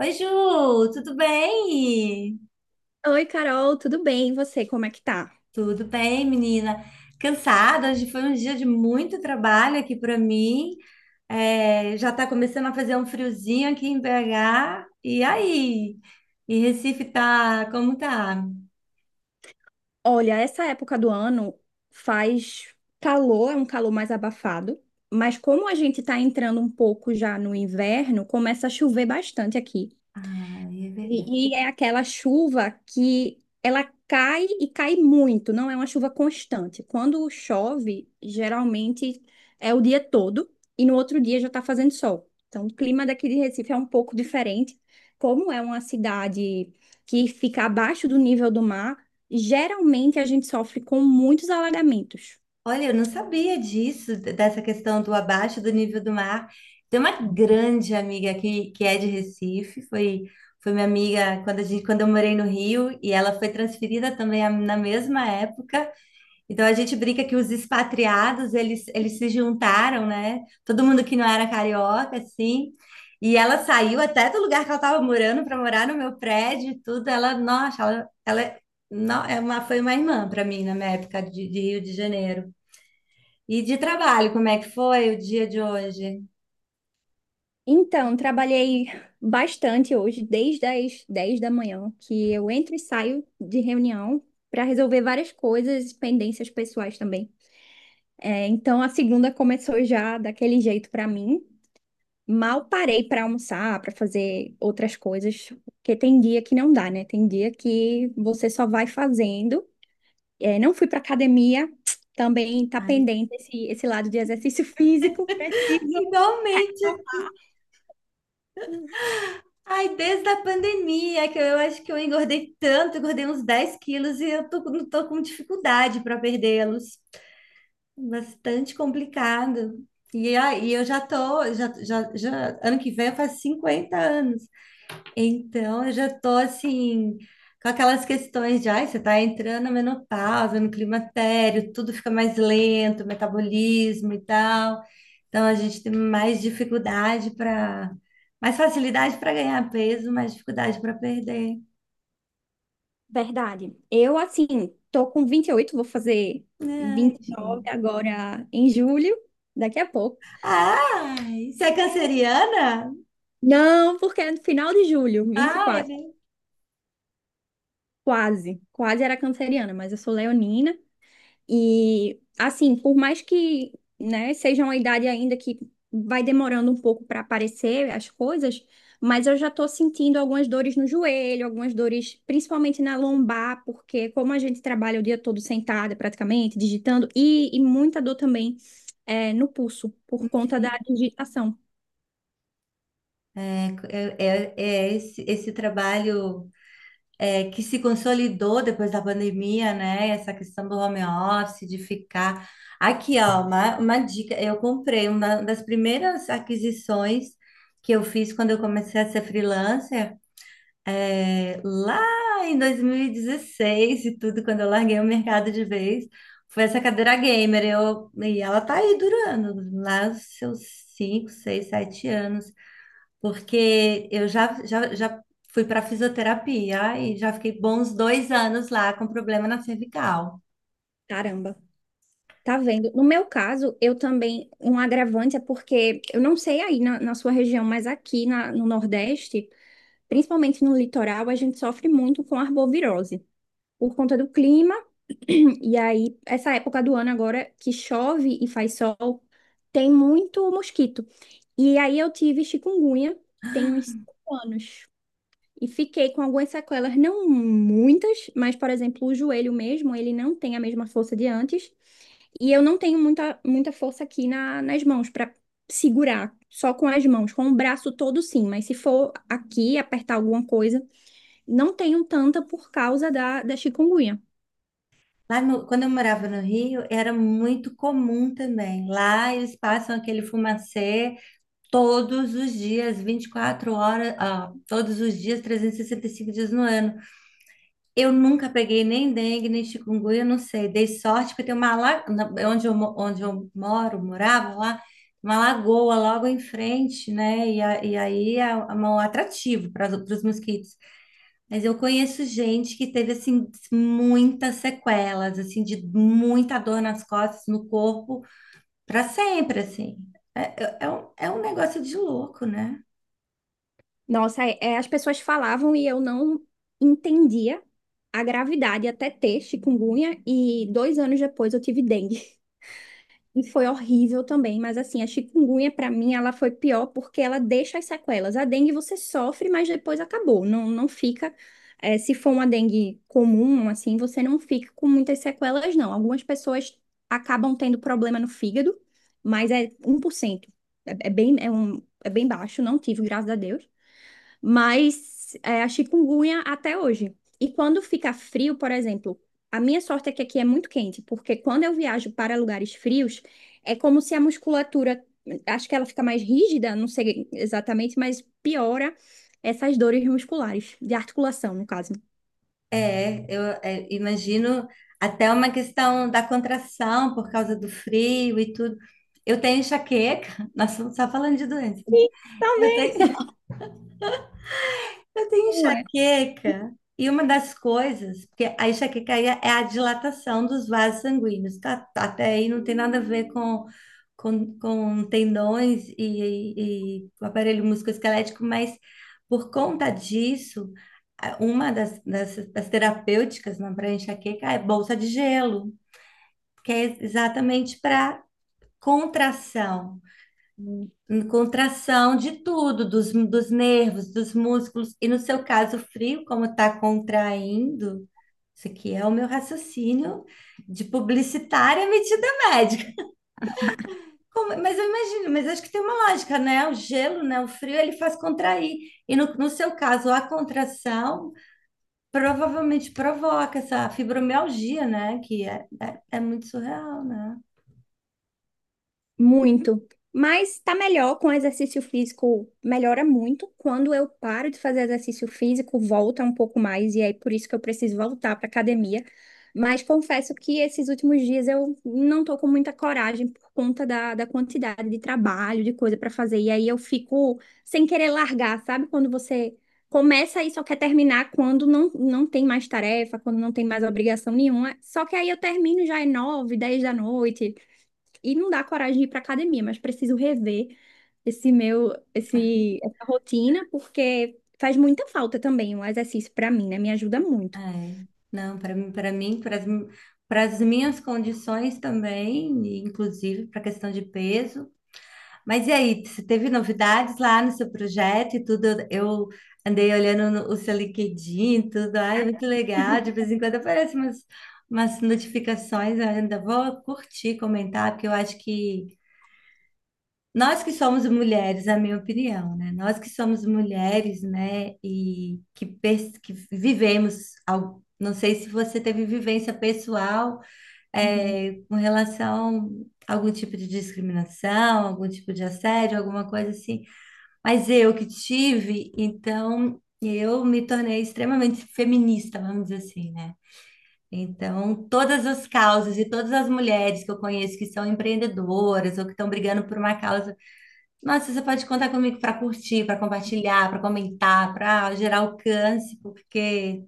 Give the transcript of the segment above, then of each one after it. Oi, Ju, tudo bem? Oi, Carol, tudo bem? E você, como é que tá? Tudo bem, menina? Cansada, hoje foi um dia de muito trabalho aqui para mim. É, já está começando a fazer um friozinho aqui em BH. E aí? E Recife tá, como tá? Olha, essa época do ano faz calor, é um calor mais abafado, mas como a gente tá entrando um pouco já no inverno, começa a chover bastante aqui. Ai, é verdade. E é aquela chuva que ela cai e cai muito, não é uma chuva constante. Quando chove, geralmente é o dia todo e no outro dia já está fazendo sol. Então, o clima daqui de Recife é um pouco diferente. Como é uma cidade que fica abaixo do nível do mar, geralmente a gente sofre com muitos alagamentos. Olha, eu não sabia disso, dessa questão do abaixo do nível do mar. Tem uma grande amiga aqui que é de Recife, foi minha amiga quando, a gente, quando eu morei no Rio, e ela foi transferida também na mesma época. Então a gente brinca que os expatriados, eles se juntaram, né? Todo mundo que não era carioca, assim. E ela saiu até do lugar que ela estava morando para morar no meu prédio e tudo. Ela, nossa, ela é- não, é uma, foi uma irmã para mim na minha época de Rio de Janeiro. E de trabalho, como é que foi o dia de hoje? Então, trabalhei bastante hoje, desde as 10 da manhã, que eu entro e saio de reunião para resolver várias coisas, pendências pessoais também. É, então, a segunda começou já daquele jeito para mim. Mal parei para almoçar, para fazer outras coisas, porque tem dia que não dá, né? Tem dia que você só vai fazendo. É, não fui para academia, também tá Ai, pendente esse lado de exercício físico, preciso. igualmente, ai, desde a pandemia, que eu acho que eu engordei tanto, engordei uns 10 quilos e eu tô com dificuldade para perdê-los. Bastante complicado. E aí eu já tô, ano que vem faz 50 anos. Então eu já tô assim, com aquelas questões de, ai, você tá entrando na menopausa, no climatério, tudo fica mais lento, metabolismo e tal. Então a gente tem mais mais facilidade para ganhar peso, mais dificuldade para perder. Verdade. Eu, assim, tô com 28, vou fazer Ai, 29 gente. agora em julho, daqui a pouco. Ai, você é canceriana? Não, porque é no final de julho, vinte e Ai, quatro gente. Quase. Quase era canceriana, mas eu sou leonina. E assim, por mais que, né, seja uma idade ainda que vai demorando um pouco para aparecer as coisas, mas eu já tô sentindo algumas dores no joelho, algumas dores principalmente na lombar, porque como a gente trabalha o dia todo sentada praticamente, digitando, e muita dor também é no pulso, por conta da digitação. é, é, esse trabalho que se consolidou depois da pandemia, né? Essa questão do home office, de ficar. Aqui, ó, uma dica: eu comprei uma das primeiras aquisições que eu fiz quando eu comecei a ser freelancer. É, lá em 2016 e dezesseis e tudo, quando eu larguei o mercado de vez, foi essa cadeira gamer. E ela tá aí durando, lá os seus 5 6 7 anos, porque eu já, já fui para fisioterapia e já fiquei bons 2 anos lá com problema na cervical. Caramba. Tá vendo? No meu caso, eu também, um agravante é porque eu não sei aí na sua região, mas aqui no Nordeste, principalmente no litoral, a gente sofre muito com arbovirose, por conta do clima. E aí, essa época do ano agora que chove e faz sol, tem muito mosquito. E aí eu tive chikungunya, tem uns 5 anos. E fiquei com algumas sequelas, não muitas, mas, por exemplo, o joelho mesmo, ele não tem a mesma força de antes. E eu não tenho muita, muita força aqui nas mãos para segurar, só com as mãos, com o braço todo sim, mas se for aqui apertar alguma coisa, não tenho tanta por causa da chikungunya. Lá no- Quando eu morava no Rio, era muito comum também. Lá eles passam aquele fumacê todos os dias, 24 horas, ah, todos os dias, trezentos e sessenta e cinco dias no ano. Eu nunca peguei nem dengue, nem chikungunya, não sei. Dei sorte porque tem uma onde onde eu moro, morava lá, uma lagoa logo em frente, né? E aí é é um atrativo para os mosquitos. Mas eu conheço gente que teve assim muitas sequelas, assim de muita dor nas costas, no corpo, para sempre, assim. É, é um negócio de louco, né? Nossa, as pessoas falavam e eu não entendia a gravidade até ter chikungunya e 2 anos depois eu tive dengue. E foi horrível também, mas assim, a chikungunya pra mim ela foi pior porque ela deixa as sequelas. A dengue você sofre, mas depois acabou. Não, não fica, se for uma dengue comum, assim, você não fica com muitas sequelas, não. Algumas pessoas acabam tendo problema no fígado, mas é um 1%. É bem baixo, não tive, graças a Deus, mas a chikungunya até hoje. E quando fica frio, por exemplo, a minha sorte é que aqui é muito quente, porque quando eu viajo para lugares frios, é como se a musculatura, acho que ela fica mais rígida, não sei exatamente, mas piora essas dores musculares, de articulação, no caso. Imagino até uma questão da contração por causa do frio e tudo. Eu tenho enxaqueca, nós estamos só falando de doença, né? Sim, Eu também. tenho, eu tenho Não é? enxaqueca e uma das coisas, porque a enxaqueca aí é a dilatação dos vasos sanguíneos, tá? Tá, até aí não tem nada a ver com tendões e o aparelho musculoesquelético, mas por conta disso, das terapêuticas para enxaqueca é bolsa de gelo, que é exatamente para contração. Em contração de tudo, dos nervos, dos músculos, e no seu caso, o frio, como está contraindo, isso aqui é o meu raciocínio de publicitária metida médica. Mas eu imagino, mas acho que tem uma lógica, né? O gelo, né? O frio, ele faz contrair. E no seu caso, a contração provavelmente provoca essa fibromialgia, né? É muito surreal, né? Muito. Mas tá melhor com exercício físico, melhora muito. Quando eu paro de fazer exercício físico, volta um pouco mais, e aí por isso que eu preciso voltar para academia. Mas confesso que esses últimos dias eu não tô com muita coragem por conta da quantidade de trabalho, de coisa para fazer. E aí eu fico sem querer largar, sabe? Quando você começa e só quer terminar quando não, não tem mais tarefa, quando não tem mais obrigação nenhuma. Só que aí eu termino já é 9, 10 da noite. E não dá coragem de ir para academia, mas preciso rever essa rotina, porque faz muita falta também o exercício para mim, né? Me ajuda muito. É, não, para mim, para as minhas condições também, e inclusive para a questão de peso. Mas e aí, você teve novidades lá no seu projeto e tudo? Eu andei olhando no- o seu LinkedIn, e tudo, ai, muito legal. De vez em quando aparecem umas notificações, eu ainda vou curtir, comentar, porque eu acho que nós que somos mulheres, a minha opinião, né? Nós que somos mulheres, né? E que vivemos, não sei se você teve vivência pessoal, Uhum. Com relação a algum tipo de discriminação, algum tipo de assédio, alguma coisa assim. Mas eu que tive, então eu me tornei extremamente feminista, vamos dizer assim, né? Então, todas as causas e todas as mulheres que eu conheço que são empreendedoras ou que estão brigando por uma causa nossa, você pode contar comigo para curtir, para compartilhar, para comentar, para gerar alcance, porque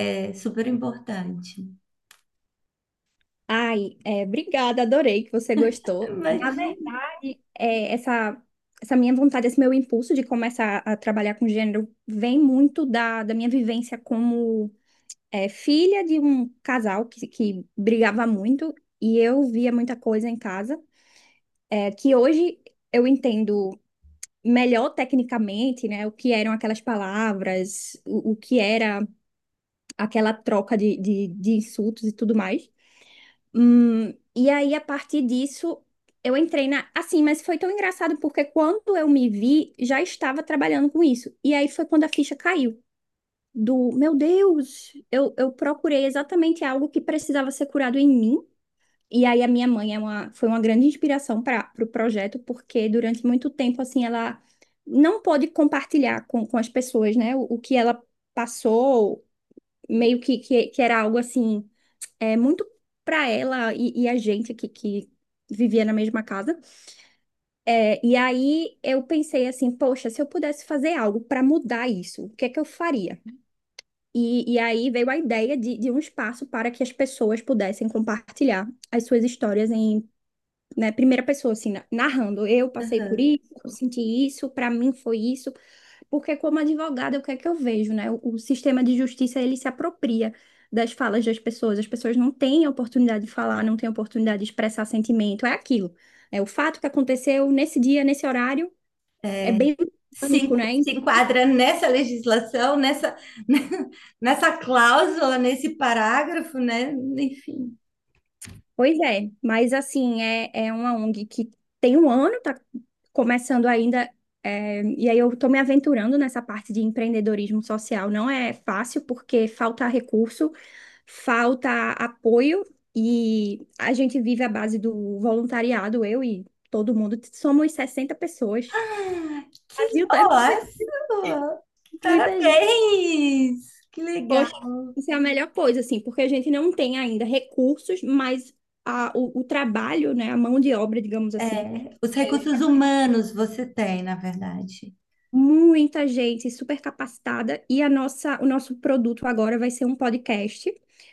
é super importante. Ai, é, obrigada, adorei que você gostou. Na Imagina. verdade, essa minha vontade, esse meu impulso de começar a trabalhar com gênero vem muito da minha vivência como filha de um casal que brigava muito e eu via muita coisa em casa, que hoje eu entendo melhor tecnicamente, né, o que eram aquelas palavras, o que era aquela troca de insultos e tudo mais. Hum, e aí, a partir disso, eu entrei na. Assim, mas foi tão engraçado porque quando eu me vi, já estava trabalhando com isso. E aí foi quando a ficha caiu. Do meu Deus, eu procurei exatamente algo que precisava ser curado em mim, e aí a minha mãe foi uma grande inspiração para o pro projeto, porque durante muito tempo, assim, ela não pôde compartilhar com as pessoas, né? O que ela passou, meio que, que era algo, assim, é, muito para ela, e a gente que vivia na mesma casa. É, e aí eu pensei assim, poxa, se eu pudesse fazer algo para mudar isso, o que é que eu faria? E aí veio a ideia de um espaço para que as pessoas pudessem compartilhar as suas histórias em, né, primeira pessoa, assim, narrando. Eu passei por Aham. isso, eu senti isso, para mim foi isso. Porque como advogada, o que é que eu vejo, né? O sistema de justiça, ele se apropria das falas das pessoas. As pessoas não têm a oportunidade de falar, não têm a oportunidade de expressar sentimento. É aquilo. É o fato que aconteceu nesse dia, nesse horário, é bem Se, pânico, en- né? se enquadra nessa legislação, nessa, nessa cláusula, nesse parágrafo, né? Enfim. Pois é, mas assim, é uma ONG que tem um ano, tá começando ainda, e aí eu tô me aventurando nessa parte de empreendedorismo social. Não é fácil, porque falta recurso, falta apoio, e a gente vive à base do voluntariado, eu e todo mundo, somos 60 pessoas. Ah, que, Brasil tá nossa! muita gente. Parabéns! Que legal. Poxa, isso é a melhor coisa, assim, porque a gente não tem ainda recursos, mas o trabalho, né, a mão de obra, digamos É, assim, os eu recursos trabalho humanos você tem, na verdade. com muita gente super capacitada e o nosso produto agora vai ser um podcast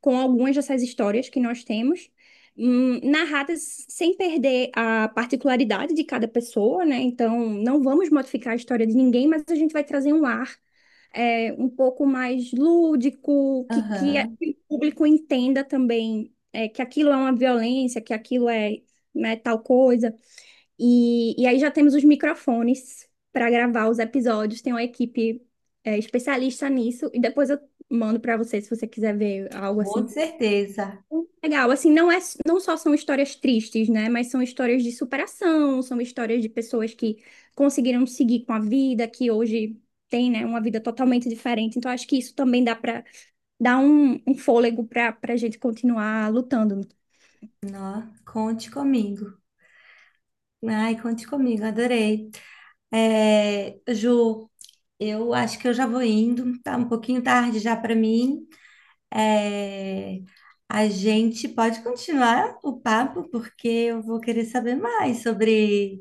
com algumas dessas histórias que nós temos, narradas sem perder a particularidade de cada pessoa, né? Então, não vamos modificar a história de ninguém, mas a gente vai trazer um ar, um pouco mais lúdico, que Aham, que o público entenda também, que aquilo é uma violência, que aquilo é, né, tal coisa. E aí já temos os microfones para gravar os episódios, tem uma equipe, especialista nisso, e depois eu mando para você se você quiser ver algo com assim. certeza. Legal, assim, não é, não só são histórias tristes, né? Mas são histórias de superação, são histórias de pessoas que conseguiram seguir com a vida, que hoje tem, né, uma vida totalmente diferente. Então, acho que isso também dá para dar um fôlego para a gente continuar lutando. Nó, conte comigo. Ai, conte comigo, adorei. É, Ju, eu acho que eu já vou indo, tá um pouquinho tarde já para mim. É, a gente pode continuar o papo, porque eu vou querer saber mais sobre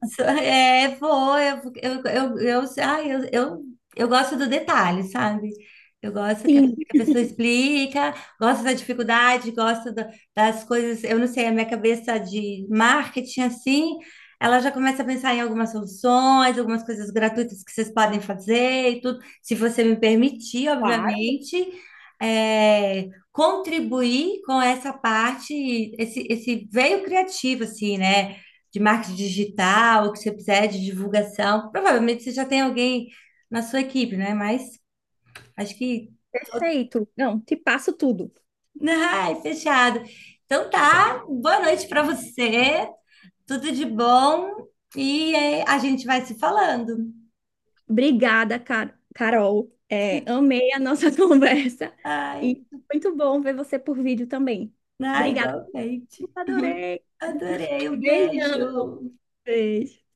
So- É, vou, eu, ai, eu gosto do detalhe, sabe? Eu gosto que Sim. a pessoa explica, gosto da dificuldade, das coisas. Eu não sei, a minha cabeça de marketing, assim, ela já começa a pensar em algumas soluções, algumas coisas gratuitas que vocês podem fazer e tudo, se você me permitir, Claro. obviamente. É, contribuir com essa parte, esse veio criativo, assim, né? De marketing digital, o que você precisar de divulgação. Provavelmente você já tem alguém na sua equipe, né? Mas acho que. Perfeito. Não, te passo tudo. Ai, fechado. Então tá, boa noite para você, tudo de bom e é, a gente vai se falando. Obrigada, Carol. É, amei a nossa conversa e Ai, muito bom ver você por vídeo também. ai, Obrigada, igualmente. adorei. Adorei, um Beijão. beijo. Beijo.